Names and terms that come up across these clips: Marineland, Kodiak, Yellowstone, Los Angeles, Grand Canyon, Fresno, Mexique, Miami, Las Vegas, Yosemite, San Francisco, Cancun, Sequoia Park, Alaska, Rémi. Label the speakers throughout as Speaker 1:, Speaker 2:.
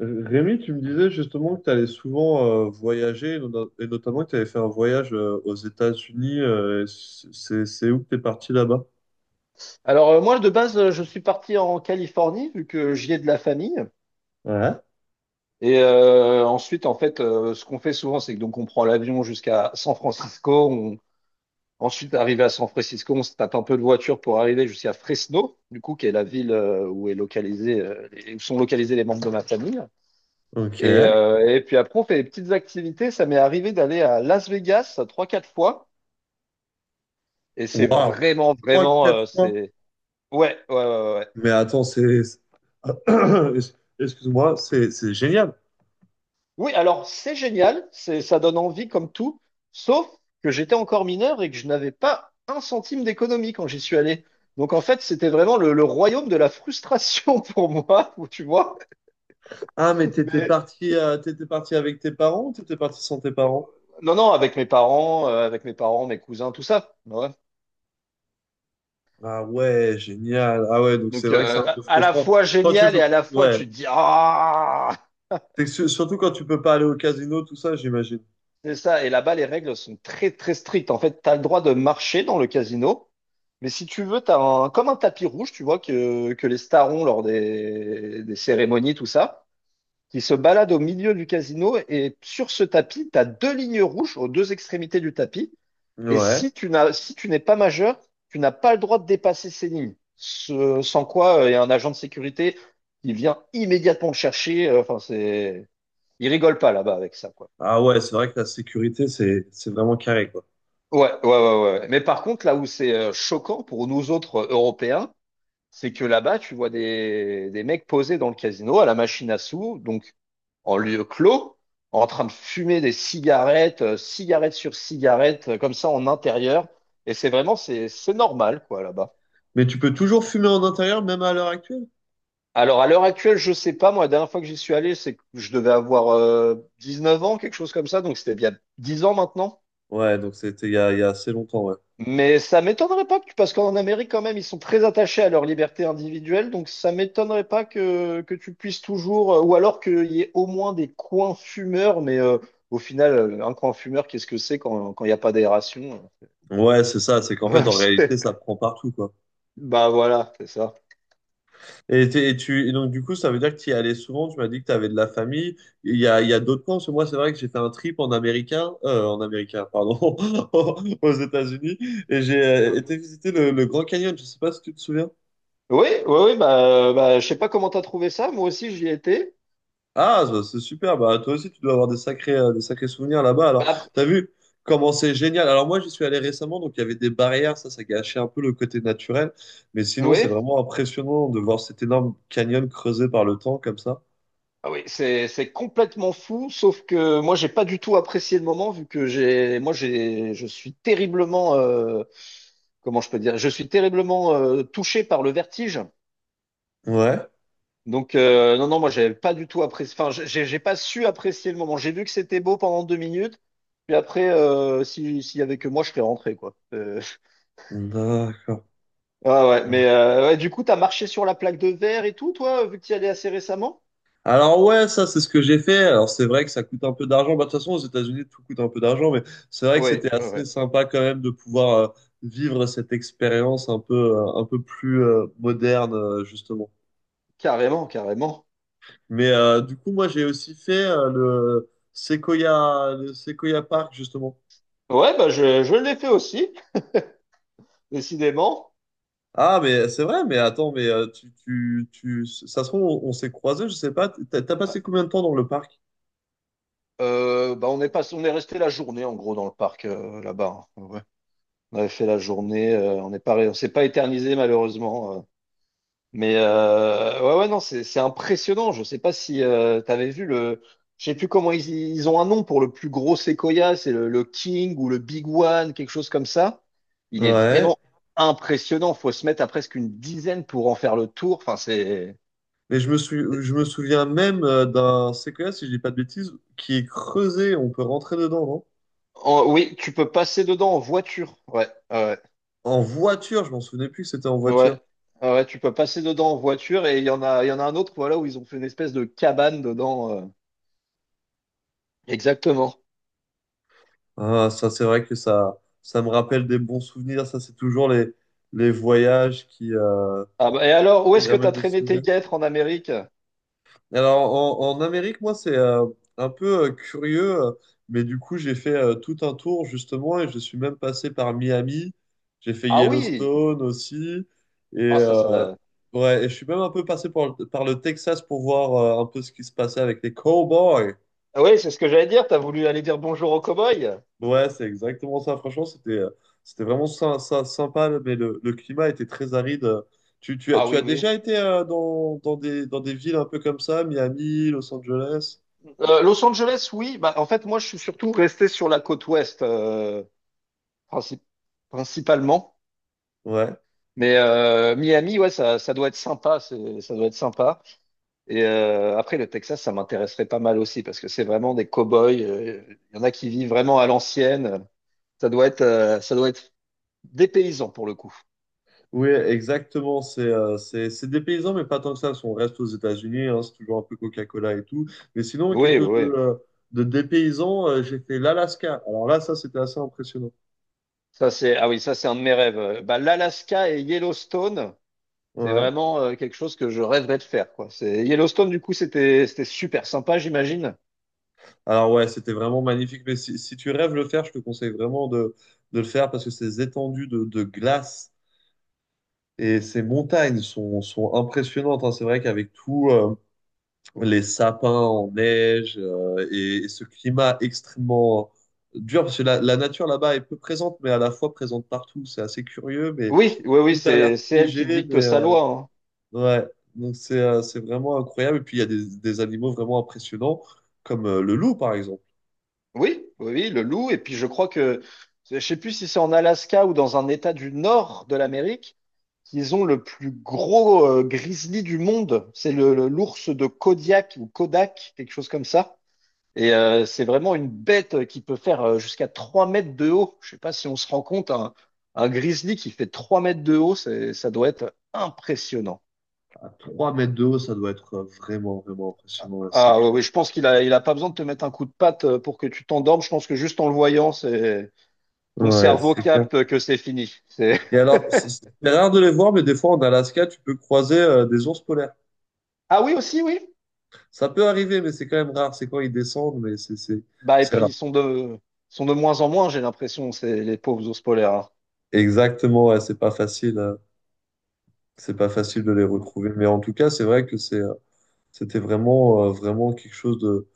Speaker 1: Rémi, tu me disais justement que tu allais souvent voyager, et notamment que tu avais fait un voyage aux États-Unis. C'est où que tu es parti là-bas?
Speaker 2: Alors moi de base je suis parti en Californie vu que j'y ai de la famille
Speaker 1: Ouais.
Speaker 2: et ensuite en fait ce qu'on fait souvent c'est que donc on prend l'avion jusqu'à San Francisco on... ensuite arrivé à San Francisco on se tape un peu de voiture pour arriver jusqu'à Fresno du coup qui est la ville où est localisé où sont localisés les membres de ma famille
Speaker 1: Ok.
Speaker 2: et puis après on fait des petites activités. Ça m'est arrivé d'aller à Las Vegas trois quatre fois et c'est
Speaker 1: Waouh,
Speaker 2: vraiment
Speaker 1: trois,
Speaker 2: vraiment
Speaker 1: quatre
Speaker 2: euh,
Speaker 1: fois.
Speaker 2: c'est... Ouais, ouais, ouais, ouais, ouais.
Speaker 1: Mais attends, c'est... Excuse-moi, c'est génial.
Speaker 2: Oui, alors c'est génial, c'est, ça donne envie comme tout, sauf que j'étais encore mineur et que je n'avais pas un centime d'économie quand j'y suis allé. Donc en fait, c'était vraiment le royaume de la frustration pour moi, tu vois.
Speaker 1: Ah, mais
Speaker 2: Mais
Speaker 1: t'étais parti avec tes parents ou t'étais parti sans tes parents?
Speaker 2: non, non, avec mes parents, mes cousins, tout ça. Ouais.
Speaker 1: Ah ouais, génial. Ah ouais, donc c'est
Speaker 2: Donc
Speaker 1: vrai que c'est un peu
Speaker 2: à la
Speaker 1: frustrant.
Speaker 2: fois
Speaker 1: Quand tu
Speaker 2: génial et
Speaker 1: peux...
Speaker 2: à la fois
Speaker 1: Ouais.
Speaker 2: tu te dis ah.
Speaker 1: Surtout quand tu peux pas aller au casino, tout ça, j'imagine.
Speaker 2: C'est ça. Et là-bas, les règles sont très, très strictes. En fait, tu as le droit de marcher dans le casino. Mais si tu veux, tu as un, comme un tapis rouge, tu vois, que les stars ont lors des cérémonies, tout ça, qui se balade au milieu du casino. Et sur ce tapis, tu as deux lignes rouges aux deux extrémités du tapis. Et
Speaker 1: Ouais.
Speaker 2: si tu n'es pas majeur, tu n'as pas le droit de dépasser ces lignes. Sans quoi, il y a un agent de sécurité qui vient immédiatement te chercher. Enfin, c'est, il rigole pas là-bas avec ça, quoi.
Speaker 1: Ah ouais, c'est vrai que la sécurité, c'est vraiment carré, quoi.
Speaker 2: Ouais, ouais, ouais, ouais, ouais. Mais par contre, là où c'est choquant pour nous autres Européens, c'est que là-bas, tu vois des mecs posés dans le casino à la machine à sous, donc en lieu clos, en train de fumer des cigarettes, cigarette sur cigarette, comme ça en intérieur. Et c'est vraiment, c'est normal, quoi, là-bas.
Speaker 1: Mais tu peux toujours fumer en intérieur, même à l'heure actuelle?
Speaker 2: Alors, à l'heure actuelle, je sais pas, moi, la dernière fois que j'y suis allé, c'est que je devais avoir 19 ans, quelque chose comme ça, donc c'était bien 10 ans maintenant.
Speaker 1: Ouais, donc c'était il y a assez longtemps, ouais.
Speaker 2: Mais ça m'étonnerait pas que, parce qu'en Amérique, quand même, ils sont très attachés à leur liberté individuelle, donc ça m'étonnerait pas que, que tu puisses toujours, ou alors qu'il y ait au moins des coins fumeurs, mais au final, un coin fumeur, qu'est-ce que c'est quand, quand il n'y a pas d'aération?
Speaker 1: Ouais, c'est ça, c'est qu'en fait,
Speaker 2: Ouais,
Speaker 1: en réalité,
Speaker 2: c'est...
Speaker 1: ça prend partout, quoi.
Speaker 2: Bah voilà, c'est ça.
Speaker 1: Et donc, du coup, ça veut dire que tu y allais souvent, tu m'as dit que tu avais de la famille. Il y a d'autres camps, parce que moi, c'est vrai que j'ai fait un trip en américain, pardon, aux États-Unis, et j'ai été visiter le Grand Canyon, je sais pas si tu te souviens.
Speaker 2: Oui, oui, oui, bah, bah je sais pas comment t'as trouvé ça, moi aussi j'y étais.
Speaker 1: Ah, ça, c'est super. Bah, toi aussi, tu dois avoir des sacrés souvenirs là-bas.
Speaker 2: Bah,
Speaker 1: Alors,
Speaker 2: après...
Speaker 1: t'as vu comment c'est génial. Alors, moi, j'y suis allé récemment, donc il y avait des barrières. Ça gâchait un peu le côté naturel. Mais sinon, c'est
Speaker 2: oui.
Speaker 1: vraiment impressionnant de voir cet énorme canyon creusé par le temps comme ça.
Speaker 2: Ah oui, c'est complètement fou, sauf que moi j'ai pas du tout apprécié le moment vu que j'ai moi j'ai je suis terriblement comment je peux dire, je suis terriblement touché par le vertige.
Speaker 1: Ouais.
Speaker 2: Donc non, non, moi j'ai pas du tout apprécié, enfin j'ai pas su apprécier le moment. J'ai vu que c'était beau pendant 2 minutes puis après si s'il y avait que moi je serais rentré, quoi.
Speaker 1: D'accord.
Speaker 2: Ah ouais mais ouais, du coup t'as marché sur la plaque de verre et tout toi vu que t'y allais assez récemment?
Speaker 1: Alors ouais, ça c'est ce que j'ai fait. Alors c'est vrai que ça coûte un peu d'argent. Bah, de toute façon, aux États-Unis, tout coûte un peu d'argent, mais c'est vrai que
Speaker 2: Oui,
Speaker 1: c'était
Speaker 2: ouais,
Speaker 1: assez
Speaker 2: ouais.
Speaker 1: sympa quand même de pouvoir vivre cette expérience un peu plus moderne, justement.
Speaker 2: Carrément, carrément.
Speaker 1: Mais du coup, moi, j'ai aussi fait le Sequoia Park, justement.
Speaker 2: Ouais bah je l'ai fait aussi. Décidément,
Speaker 1: Ah, mais c'est vrai, mais attends, mais tu, ça se trouve, on s'est croisés, je sais pas. T'as passé combien de temps dans le parc?
Speaker 2: bah on est pas, on est resté la journée en gros dans le parc là-bas, hein. Ouais. On avait fait la journée, on s'est pas éternisé malheureusement. Mais ouais, ouais, non, c'est impressionnant. Je sais pas si t'avais vu je sais plus comment ils, ils ont un nom pour le plus gros séquoia, c'est le King ou le Big One, quelque chose comme ça. Il est
Speaker 1: Ouais.
Speaker 2: vraiment impressionnant. Faut se mettre à presque une dizaine pour en faire le tour. Enfin, c'est,
Speaker 1: Mais je me souviens même d'un Sequoia, si je dis pas de bêtises, qui est creusé, on peut rentrer dedans, non?
Speaker 2: oui, tu peux passer dedans en voiture. Ouais, ouais, ouais.
Speaker 1: En voiture, je m'en souvenais plus que c'était en
Speaker 2: Ouais.
Speaker 1: voiture.
Speaker 2: Ah ouais, tu peux passer dedans en voiture et il y en a un autre, voilà, où ils ont fait une espèce de cabane dedans. Exactement.
Speaker 1: Ah, ça, c'est vrai que ça me rappelle des bons souvenirs. Ça, c'est toujours les voyages
Speaker 2: Ah bah, et alors, où
Speaker 1: qui
Speaker 2: est-ce que
Speaker 1: ramènent
Speaker 2: t'as
Speaker 1: des
Speaker 2: traîné tes
Speaker 1: souvenirs.
Speaker 2: guêtres en Amérique?
Speaker 1: Alors, en Amérique, moi, c'est un peu curieux, mais du coup, j'ai fait tout un tour, justement, et je suis même passé par Miami. J'ai fait
Speaker 2: Ah oui!
Speaker 1: Yellowstone aussi. Et,
Speaker 2: Ah ça, ça.
Speaker 1: ouais, et je suis même un peu passé par, par le Texas pour voir un peu ce qui se passait avec les cowboys.
Speaker 2: Ah oui, c'est ce que j'allais dire. T'as voulu aller dire bonjour aux cow-boys?
Speaker 1: Ouais, c'est exactement ça. Franchement, c'était c'était vraiment sympa, mais le climat était très aride.
Speaker 2: Ah
Speaker 1: Tu
Speaker 2: oui,
Speaker 1: as
Speaker 2: oui.
Speaker 1: déjà été dans des villes un peu comme ça, Miami, Los Angeles?
Speaker 2: Los Angeles, oui. Bah, en fait, moi, je suis surtout resté sur la côte ouest, princi- principalement.
Speaker 1: Ouais.
Speaker 2: Mais Miami, ouais, ça doit être sympa. C'est, ça doit être sympa. Et après, le Texas, ça m'intéresserait pas mal aussi parce que c'est vraiment des cow-boys. Il y en a qui vivent vraiment à l'ancienne. Ça doit être des paysans pour le coup.
Speaker 1: Oui, exactement. C'est c'est des paysans, mais pas tant que ça. Si on reste aux États-Unis, hein, c'est toujours un peu Coca-Cola et tout. Mais sinon, ouais, quelque
Speaker 2: Oui, oui,
Speaker 1: chose
Speaker 2: oui.
Speaker 1: de dépaysant, j'ai fait l'Alaska. Alors là, ça, c'était assez impressionnant.
Speaker 2: Ça, c'est, ah oui, ça, c'est un de mes rêves. Bah, l'Alaska et Yellowstone, c'est
Speaker 1: Ouais.
Speaker 2: vraiment quelque chose que je rêverais de faire, quoi. C'est Yellowstone, du coup, c'était, c'était super sympa, j'imagine.
Speaker 1: Alors ouais, c'était vraiment magnifique. Mais si tu rêves de le faire, je te conseille vraiment de le faire parce que ces étendues de glace et ces montagnes sont impressionnantes. Hein. C'est vrai qu'avec tout, les sapins en neige et ce climat extrêmement dur, parce que la nature là-bas est peu présente, mais à la fois présente partout. C'est assez curieux, mais
Speaker 2: Oui, oui, oui,
Speaker 1: tout a l'air
Speaker 2: c'est elle qui
Speaker 1: figé, mais
Speaker 2: dicte sa loi, hein.
Speaker 1: ouais, donc c'est vraiment incroyable. Et puis il y a des animaux vraiment impressionnants, comme le loup, par exemple.
Speaker 2: Oui, oui, oui, le loup. Et puis, je crois que, je sais plus si c'est en Alaska ou dans un état du nord de l'Amérique, qu'ils ont le plus gros grizzly du monde. C'est l'ours de Kodiak ou Kodak, quelque chose comme ça. Et c'est vraiment une bête qui peut faire jusqu'à 3 mètres de haut. Je sais pas si on se rend compte, un grizzly qui fait 3 mètres de haut, ça doit être impressionnant.
Speaker 1: À trois mètres de haut, ça doit être vraiment, vraiment impressionnant, là, c'est
Speaker 2: Ah
Speaker 1: clair.
Speaker 2: oui, je pense qu'il a, il a pas besoin de te mettre un coup de patte pour que tu t'endormes. Je pense que juste en le voyant, c'est ton
Speaker 1: Ouais,
Speaker 2: cerveau
Speaker 1: c'est clair.
Speaker 2: capte que c'est fini. C'est...
Speaker 1: Et alors, c'est rare de les voir, mais des fois en Alaska, tu peux croiser des ours polaires.
Speaker 2: Ah oui aussi, oui.
Speaker 1: Ça peut arriver, mais c'est quand même rare. C'est quand ils descendent, mais
Speaker 2: Bah et
Speaker 1: c'est
Speaker 2: puis
Speaker 1: rare.
Speaker 2: ils sont de moins en moins, j'ai l'impression, c'est les pauvres ours polaires, hein.
Speaker 1: Exactement, ouais, c'est pas facile. C'est pas facile de les retrouver. Mais en tout cas, c'est vrai que c'est, c'était vraiment, vraiment quelque chose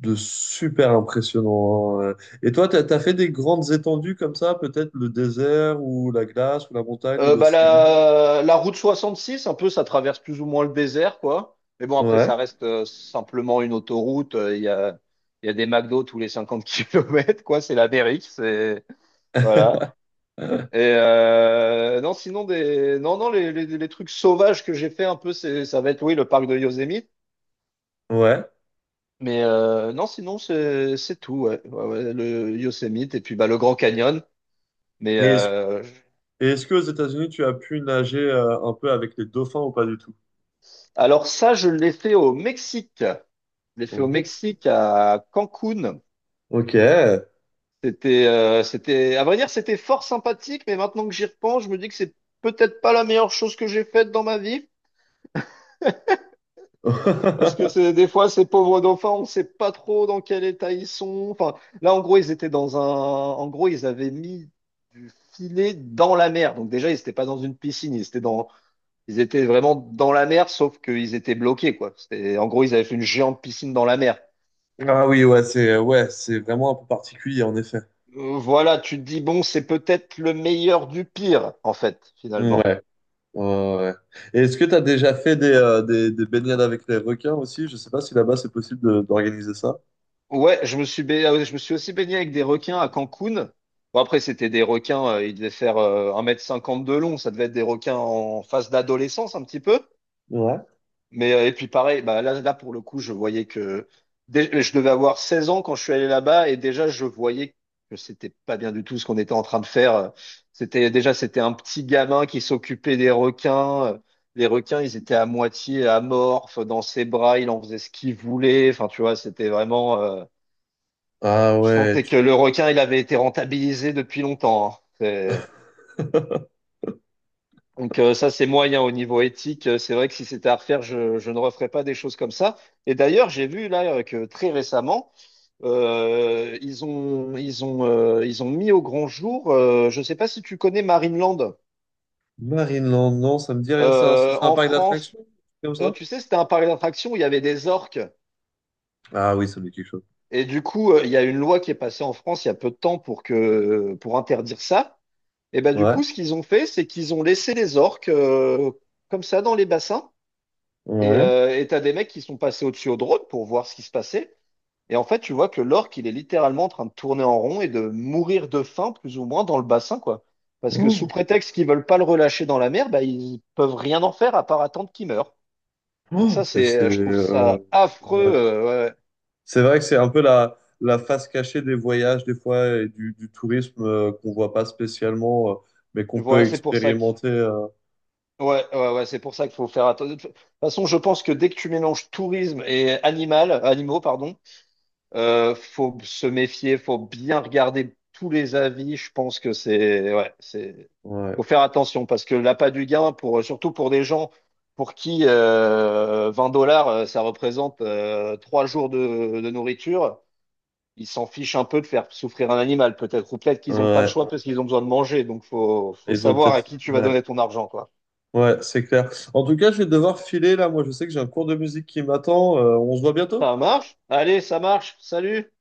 Speaker 1: de super impressionnant. Hein. Ouais. Et toi, t'as fait des grandes étendues comme ça, peut-être le désert ou la glace ou la montagne ou
Speaker 2: Bah,
Speaker 1: l'océan.
Speaker 2: la route 66 un peu, ça traverse plus ou moins le désert, quoi. Mais bon, après, ça
Speaker 1: Ouais,
Speaker 2: reste simplement une autoroute. Il y a des McDo tous les 50 kilomètres, quoi. C'est l'Amérique, c'est voilà. Et non, sinon des, non, non, les trucs sauvages que j'ai fait un peu, c'est, ça va être oui, le parc de Yosemite.
Speaker 1: ouais.
Speaker 2: Mais non, sinon c'est tout, ouais. Ouais, ouais, le Yosemite et puis bah le Grand Canyon. Mais
Speaker 1: Et est-ce, et est-ce qu'aux États-Unis, tu as pu nager un peu avec les dauphins ou pas du tout?
Speaker 2: alors ça, je l'ai fait au Mexique. Je l'ai
Speaker 1: Au
Speaker 2: fait au
Speaker 1: Mexique.
Speaker 2: Mexique, à Cancun.
Speaker 1: Ok.
Speaker 2: C'était, à vrai dire, c'était fort sympathique, mais maintenant que j'y repense, je me dis que c'est peut-être pas la meilleure chose que j'ai faite dans ma vie. Parce que c'est, des fois, ces pauvres dauphins, on sait pas trop dans quel état ils sont. Enfin, là, en gros, ils étaient dans un, en gros, ils avaient mis du filet dans la mer. Donc déjà, ils étaient pas dans une piscine, ils étaient vraiment dans la mer, sauf qu'ils étaient bloqués, quoi. C'était, en gros, ils avaient fait une géante piscine dans la mer.
Speaker 1: Ah oui, ouais, c'est vraiment un peu particulier, en effet.
Speaker 2: Voilà, tu te dis, bon, c'est peut-être le meilleur du pire, en fait, finalement.
Speaker 1: Ouais, ouais, ouais. Et est-ce que tu as déjà fait des, des baignades avec les requins aussi? Je sais pas si là-bas c'est possible d'organiser ça.
Speaker 2: Ouais, je me suis, ba- ah ouais, je me suis aussi baigné avec des requins à Cancun. Bon, après, c'était des requins, ils devaient faire 1,50 m de long, ça devait être des requins en phase d'adolescence, un petit peu.
Speaker 1: Ouais.
Speaker 2: Mais et puis pareil, bah là pour le coup, je voyais que je devais avoir 16 ans quand je suis allé là-bas et déjà je voyais que c'était pas bien du tout ce qu'on était en train de faire. C'était un petit gamin qui s'occupait des requins. Les requins, ils étaient à moitié amorphes dans ses bras, il en faisait ce qu'il voulait. Enfin, tu vois, c'était vraiment.
Speaker 1: Ah
Speaker 2: Je
Speaker 1: ouais.
Speaker 2: sentais que le requin, il avait été rentabilisé depuis longtemps, hein. C'est... Donc ça, c'est moyen au niveau éthique. C'est vrai que si c'était à refaire, je ne referais pas des choses comme ça. Et d'ailleurs, j'ai vu là que très récemment, ils ont mis au grand jour, je ne sais pas si tu connais Marineland,
Speaker 1: Marineland, non, ça me dit rien. C'est un
Speaker 2: En
Speaker 1: parc
Speaker 2: France,
Speaker 1: d'attractions, comme ça?
Speaker 2: tu sais, c'était un parc d'attractions où il y avait des orques.
Speaker 1: Ah oui, ça me dit quelque chose.
Speaker 2: Et du coup, il y a une loi qui est passée en France il y a peu de temps pour interdire ça. Et ben du
Speaker 1: Ouais.
Speaker 2: coup, ce qu'ils ont fait, c'est qu'ils ont laissé les orques comme ça dans les bassins. Et
Speaker 1: Ouais.
Speaker 2: t'as des mecs qui sont passés au-dessus au drone pour voir ce qui se passait. Et en fait, tu vois que l'orque, il est littéralement en train de tourner en rond et de mourir de faim, plus ou moins, dans le bassin, quoi. Parce que sous
Speaker 1: Oh,
Speaker 2: prétexte qu'ils veulent pas le relâcher dans la mer, bah, ils peuvent rien en faire à part attendre qu'il meure. Donc ça,
Speaker 1: oh, et
Speaker 2: c'est,
Speaker 1: c'est...
Speaker 2: je trouve ça affreux.
Speaker 1: ouais.
Speaker 2: Ouais.
Speaker 1: C'est vrai que c'est un peu la face cachée des voyages, des fois, et du tourisme qu'on voit pas spécialement, mais
Speaker 2: ouais.
Speaker 1: qu'on
Speaker 2: Voilà,
Speaker 1: peut
Speaker 2: c'est pour ça que,
Speaker 1: expérimenter.
Speaker 2: ouais, ouais, ouais, c'est pour ça qu'il faut faire attention. De toute façon, je pense que dès que tu mélanges tourisme et animal, animaux, pardon, faut se méfier, faut bien regarder tous les avis. Je pense que c'est, ouais, c'est,
Speaker 1: Ouais,
Speaker 2: faut faire attention parce que l'appât du gain, pour, surtout pour des gens pour qui 20 dollars, ça représente 3 jours de nourriture, ils s'en fichent un peu de faire souffrir un animal, peut-être, ou peut-être qu'ils n'ont pas le
Speaker 1: ouais.
Speaker 2: choix parce qu'ils ont besoin de manger. Donc, faut, faut
Speaker 1: Ils ont
Speaker 2: savoir à
Speaker 1: peut-être.
Speaker 2: qui tu vas
Speaker 1: Ouais,
Speaker 2: donner ton argent, quoi.
Speaker 1: ouais, c'est clair. En tout cas, je vais devoir filer là. Moi, je sais que j'ai un cours de musique qui m'attend. On se voit bientôt?
Speaker 2: Ça marche? Allez, ça marche. Salut!